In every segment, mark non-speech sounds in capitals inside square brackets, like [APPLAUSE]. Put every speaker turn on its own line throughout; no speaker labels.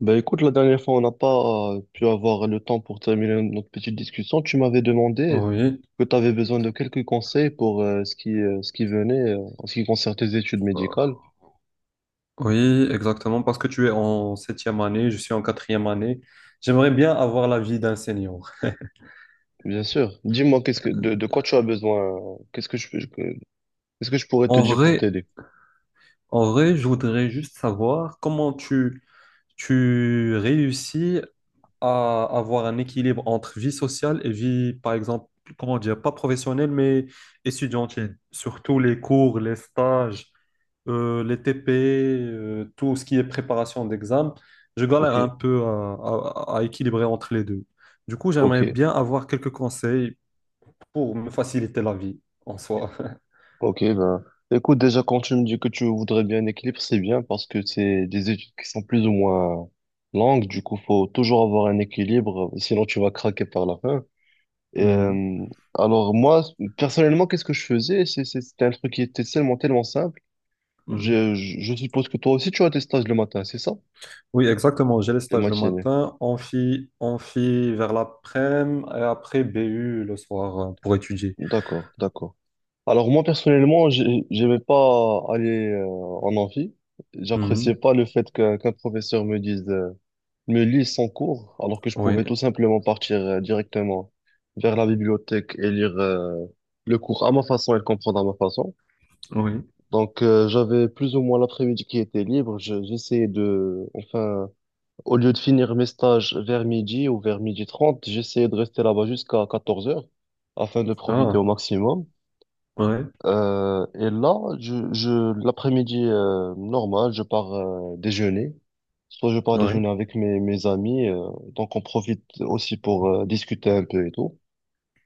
Ben écoute, la dernière fois, on n'a pas pu avoir le temps pour terminer notre petite discussion. Tu m'avais demandé
Oui,
que tu avais besoin de quelques conseils pour ce qui venait en ce qui concerne tes études médicales.
oui, exactement, parce que tu es en septième année, je suis en quatrième année. J'aimerais bien avoir l'avis d'un senior.
Bien sûr. Dis-moi, de quoi tu as besoin? Qu'est-ce que je pourrais te
En
dire pour
vrai,
t'aider?
en vrai, je voudrais juste savoir tu réussis à avoir un équilibre entre vie sociale et vie, par exemple, comment dire, pas professionnelle, mais étudiantine. Surtout les cours, les stages, les TP, tout ce qui est préparation d'examen. Je galère
Ok,
un peu à, à- à équilibrer entre les deux. Du coup, j'aimerais
ok,
bien avoir quelques conseils pour me faciliter la vie en soi. [LAUGHS]
ok. Ben, écoute, déjà, quand tu me dis que tu voudrais bien un équilibre, c'est bien parce que c'est des études qui sont plus ou moins longues. Du coup, faut toujours avoir un équilibre, sinon tu vas craquer par la fin.
Mhm,
Euh, alors moi, personnellement, qu'est-ce que je faisais? C'était un truc qui était tellement, tellement simple.
mhm.
Je suppose que toi aussi, tu as tes stages le matin, c'est ça?
Oui, exactement. J'ai les
Les
stages le
matinées.
matin, amphi vers l'après-midi et après BU le soir pour étudier.
D'accord, d'accord. Alors moi, personnellement, j'aimais pas aller en amphi. J'appréciais pas le fait qu'un professeur me dise, me lise son cours, alors que je
Oui,
pouvais tout simplement partir directement vers la bibliothèque et lire le cours à ma façon et le comprendre à ma façon.
oui.
Donc, j'avais plus ou moins l'après-midi qui était libre. J'essayais de, enfin, au lieu de finir mes stages vers midi ou vers 12h30 j'essayais de rester là-bas jusqu'à 14h afin de profiter au
Ah,
maximum.
oui,
Et là, l'après-midi, normal, je pars, déjeuner. Soit je pars
oui.
déjeuner avec mes amis, donc on profite aussi discuter un peu et tout.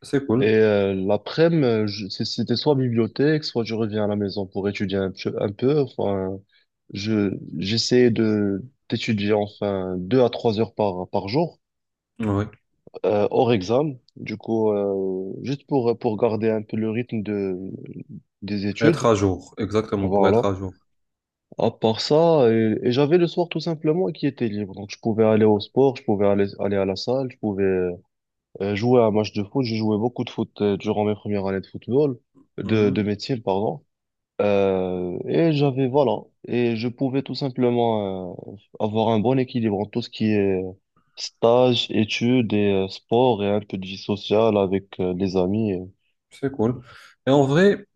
C'est
Et
cool.
l'après-midi, c'était soit bibliothèque, soit je reviens à la maison pour étudier un peu, un peu. Enfin, je, j'essayais d'étudier enfin 2 à 3 heures par jour,
Oui.
hors examen. Du coup, juste pour garder un peu le rythme des
Être
études.
à jour, exactement, pour
Voilà.
être à jour.
À part ça, et j'avais le soir tout simplement qui était libre. Donc, je pouvais aller au sport, je pouvais aller à la salle, je pouvais. Jouer à un match de foot, j'ai joué beaucoup de foot durant mes premières années de football, de
Mhm.
métier, pardon. Et j'avais, voilà, et je pouvais tout simplement avoir un bon équilibre en tout ce qui est stage, études et sport et un peu de vie sociale avec les amis.
C'est cool. Et en vrai,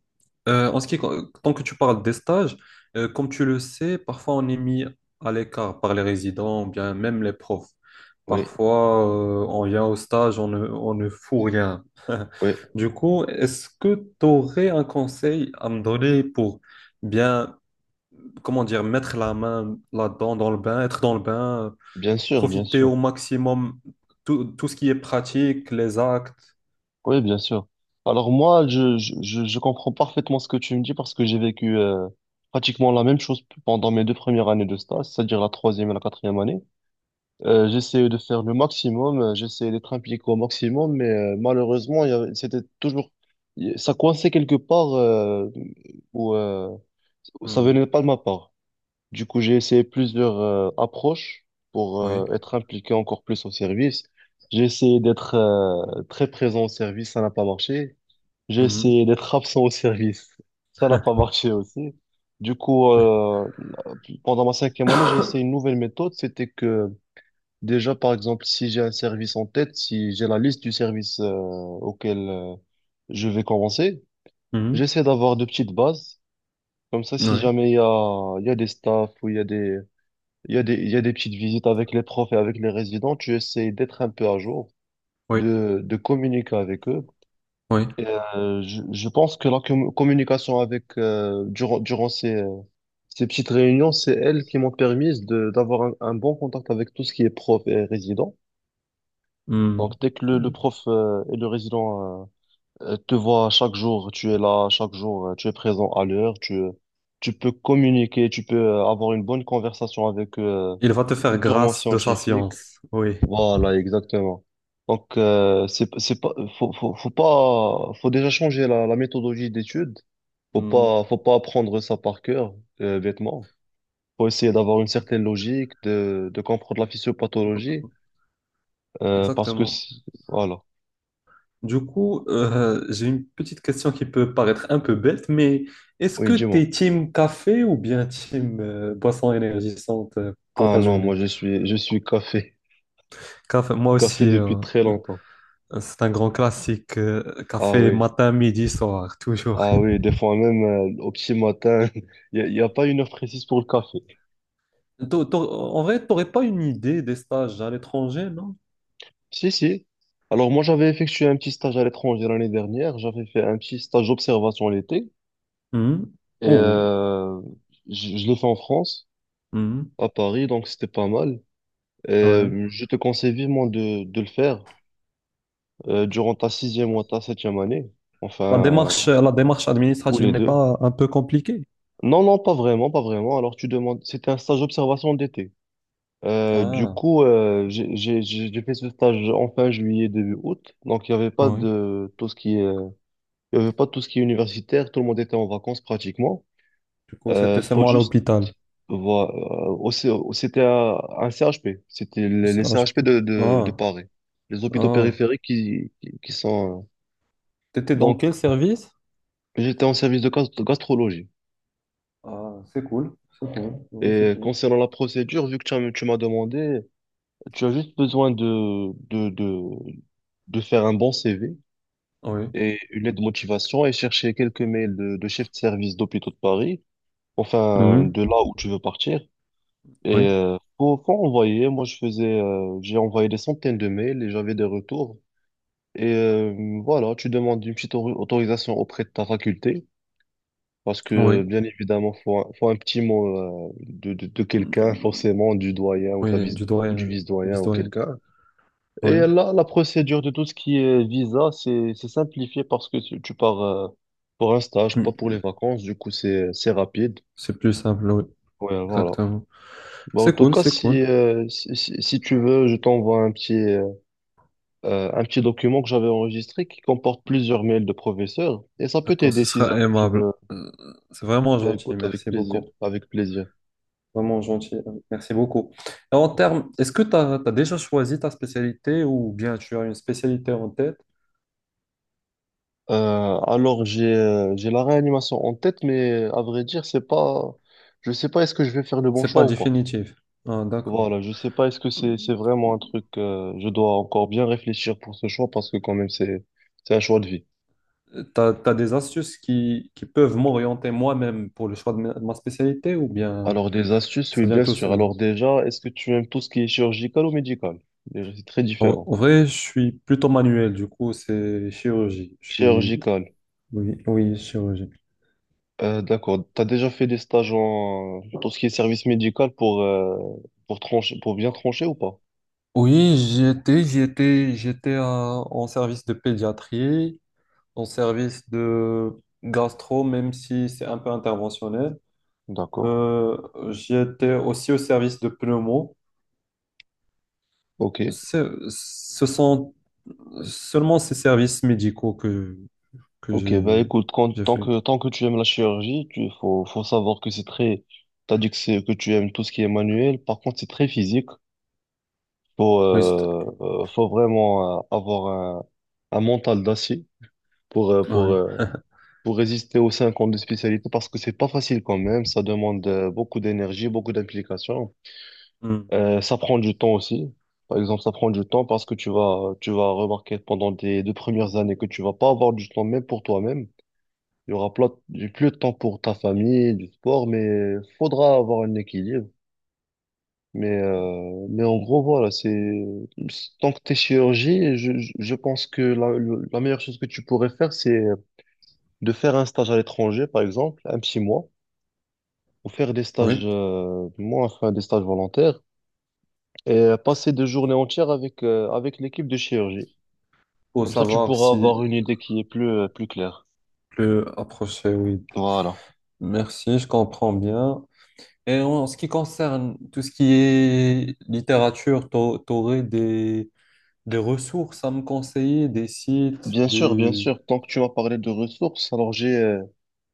en ce qui, tant que tu parles des stages, comme tu le sais, parfois on est mis à l'écart par les résidents, ou bien même les profs.
Oui,
Parfois, on vient au stage, on ne fout rien.
oui,
Du coup, est-ce que tu aurais un conseil à me donner pour bien, comment dire, mettre la main là-dedans, dans le bain, être dans le bain?
bien sûr, bien
Profiter
sûr.
au maximum tout ce qui est pratique, les actes.
Oui, bien sûr. Alors moi, je comprends parfaitement ce que tu me dis parce que j'ai vécu pratiquement la même chose pendant mes 2 premières années de stage, c'est-à-dire la troisième et la quatrième année. J'essayais de faire le maximum, j'essayais d'être impliqué au maximum, mais malheureusement, c'était toujours, ça coinçait quelque part où ça
Mhm.
venait pas de ma part. Du coup, j'ai essayé plusieurs approches pour
Oui.
être impliqué encore plus au service. J'ai essayé d'être très présent au service, ça n'a pas marché. J'ai
Mhm.
essayé d'être absent au service, [LAUGHS] ça n'a pas marché aussi. Du coup, pendant ma cinquième année, j'ai essayé une nouvelle méthode, c'était que. Déjà, par exemple, si j'ai un service en tête, si j'ai la liste du service auquel je vais commencer,
Mhm.
j'essaie d'avoir de petites bases. Comme ça, si
Oui,
jamais il y a des staffs ou il y a des petites visites avec les profs et avec les résidents, tu essaies d'être un peu à jour,
oui,
de communiquer avec eux.
oui.
Et, je pense que la communication avec durant ces, ces petites réunions, c'est elles qui m'ont permis d'avoir un bon contact avec tout ce qui est prof et résident. Donc,
Mhm.
dès que le prof et le résident te voient chaque jour, tu es là, chaque jour, tu es présent à l'heure, tu peux communiquer, tu peux avoir une bonne conversation avec eux,
Il va te faire
purement
grâce de sa
scientifique.
science. Oui.
Voilà, exactement. Donc, c'est pas, faut pas, faut déjà changer la méthodologie d'étude. Faut
Mhm.
pas, faut pas apprendre ça par cœur, bêtement. Faut essayer d'avoir une certaine logique, de comprendre la physiopathologie, parce que,
Exactement.
voilà.
Du coup, j'ai une petite question qui peut paraître un peu bête, mais est-ce
Oui,
que tu
dis-moi.
es team café ou bien team boisson énergisante pour
Ah
ta
non, moi
journée?
je suis café.
Café, moi aussi.
Café [LAUGHS] depuis très longtemps.
C'est un grand classique,
Ah
café
oui,
matin, midi, soir, [LAUGHS] toujours.
ah oui, des fois même au petit matin, [LAUGHS] y a pas une heure précise pour le café.
En vrai, t'aurais pas une idée des stages à l'étranger, non?
Si, si. Alors moi j'avais effectué un petit stage à l'étranger l'année dernière, j'avais fait un petit stage d'observation l'été
Mhm.
et
Oh,
je l'ai fait en France,
mhm,
à Paris, donc c'était pas mal. Et
ouais.
je te conseille vivement de le faire durant ta sixième ou ta septième année, enfin,
La démarche
ou
administrative
les
n'est
deux.
pas un peu compliquée?
Non, non, pas vraiment, pas vraiment. Alors, tu demandes, c'était un stage d'observation d'été. Du
Ah,
coup, j'ai fait ce stage en fin juillet, début août. Donc, il y avait pas
oui.
de tout ce qui est, il y avait pas tout ce qui est universitaire. Tout le monde était en vacances pratiquement.
Du coup, c'était
Faut
seulement à
juste
l'hôpital.
voir. C'était un CHP. C'était les
Ça, je
CHP
peux-
de
Ah,
Paris. Les hôpitaux
ah.
périphériques qui sont.
T'étais dans
Donc,
quel service?
j'étais en service de gastrologie.
Ah, c'est cool, ouais, c'est
Et
cool.
concernant la procédure, vu que tu m'as demandé. Tu as juste besoin de faire un bon CV
Oui.
et une lettre de motivation et chercher quelques mails de chefs de service d'hôpitaux de Paris, enfin
Mhm,
de là où tu veux partir.
Oui,
Et faut envoyer. Moi, j'ai envoyé des centaines de mails et j'avais des retours. Et voilà, tu demandes une petite autorisation auprès de ta faculté parce que
oui,
bien évidemment, faut un petit mot de quelqu'un, forcément du doyen
oui, du
ou du
doyen, la
vice-doyen ou
vice-doyenne,
quelqu'un. Et
oui.
là, la procédure de tout ce qui est visa, c'est simplifié parce que tu pars pour un stage, pas pour les vacances. Du coup, c'est rapide.
C'est plus simple, oui,
Ouais, voilà.
exactement.
Bah, en
C'est
tout
cool,
cas,
c'est cool.
si tu veux, je t'envoie un petit document que j'avais enregistré qui comporte plusieurs mails de professeurs. Et ça peut
D'accord,
t'aider
ce
si
sera
jamais tu
aimable.
veux.
Euh, C'est vraiment
Bah,
gentil,
écoute, avec
merci
plaisir.
beaucoup.
Avec plaisir.
Vraiment gentil, merci beaucoup. Et en termes, est-ce que tu as, déjà choisi ta spécialité ou bien tu as une spécialité en tête?
Alors, j'ai la réanimation en tête, mais à vrai dire, c'est pas... Je sais pas est-ce que je vais faire le bon
C'est
choix
pas
ou pas.
définitif. Ah, d'accord.
Voilà, je sais pas, est-ce que c'est vraiment un truc, je dois encore bien réfléchir pour ce choix parce que quand même c'est un choix de vie.
Tu as, des astuces qui peuvent m'orienter moi-même pour le choix de ma spécialité ou bien
Alors des astuces, oui
ça vient
bien
tout
sûr.
seul?
Alors déjà, est-ce que tu aimes tout ce qui est chirurgical ou médical? Déjà, c'est très
En,
différent.
en vrai, je suis plutôt manuel, du coup, c'est chirurgie. Je suis
Chirurgical,
oui, chirurgie.
d'accord. T'as déjà fait des stages en tout ce qui est service médical pour trancher, pour bien trancher ou pas?
Oui, j'étais en service de pédiatrie, en service de gastro, même si c'est un peu interventionnel.
D'accord.
Euh, j'étais aussi au service de pneumo.
Ok.
Ce sont seulement ces services médicaux que
Ok. Bah écoute, quand,
j'ai fait.
tant que tu aimes la chirurgie, tu faut faut savoir que c'est très. T'as dit que c'est que tu aimes tout ce qui est manuel, par contre c'est très physique. Faut,
Oui, c'est-
euh, faut vraiment avoir un mental d'acier pour, euh, pour,
ouais.
euh, pour résister aux 5 ans de spécialité parce que c'est pas facile quand même. Ça demande beaucoup d'énergie, beaucoup d'implication.
Hmm.
Ça prend du temps aussi. Par exemple, ça prend du temps parce que tu vas remarquer pendant tes 2 premières années que tu vas pas avoir du temps même pour toi-même. Il y aura plus de temps pour ta famille, du sport, mais faudra avoir un équilibre. Mais en gros, voilà, c'est tant que t'es chirurgien, je pense que la meilleure chose que tu pourrais faire, c'est de faire un stage à l'étranger, par exemple, un petit mois, ou faire des stages,
Oui,
moi, enfin, des stages volontaires, et passer 2 journées entières avec l'équipe de chirurgie.
pour
Comme ça, tu
savoir
pourras
si
avoir une idée qui est plus, plus claire.
le approcher, oui.
Voilà.
Merci, je comprends bien. Et en ce qui concerne tout ce qui est littérature, t'aurais des ressources à me conseiller, des sites,
Bien
des...
sûr, tant que tu m'as parlé de ressources, alors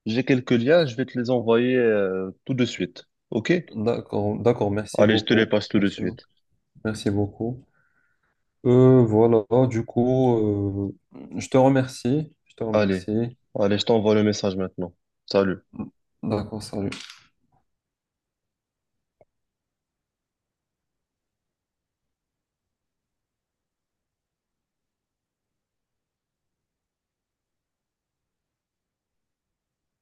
j'ai quelques liens, je vais te les envoyer, tout de suite. OK?
D'accord, d'accord, merci
Allez, je te les
beaucoup.
passe tout de
Merci,
suite.
merci beaucoup. Voilà, du coup, je te remercie. Je te
Allez,
remercie.
allez, je t'envoie le message maintenant. Salut.
D'accord, salut.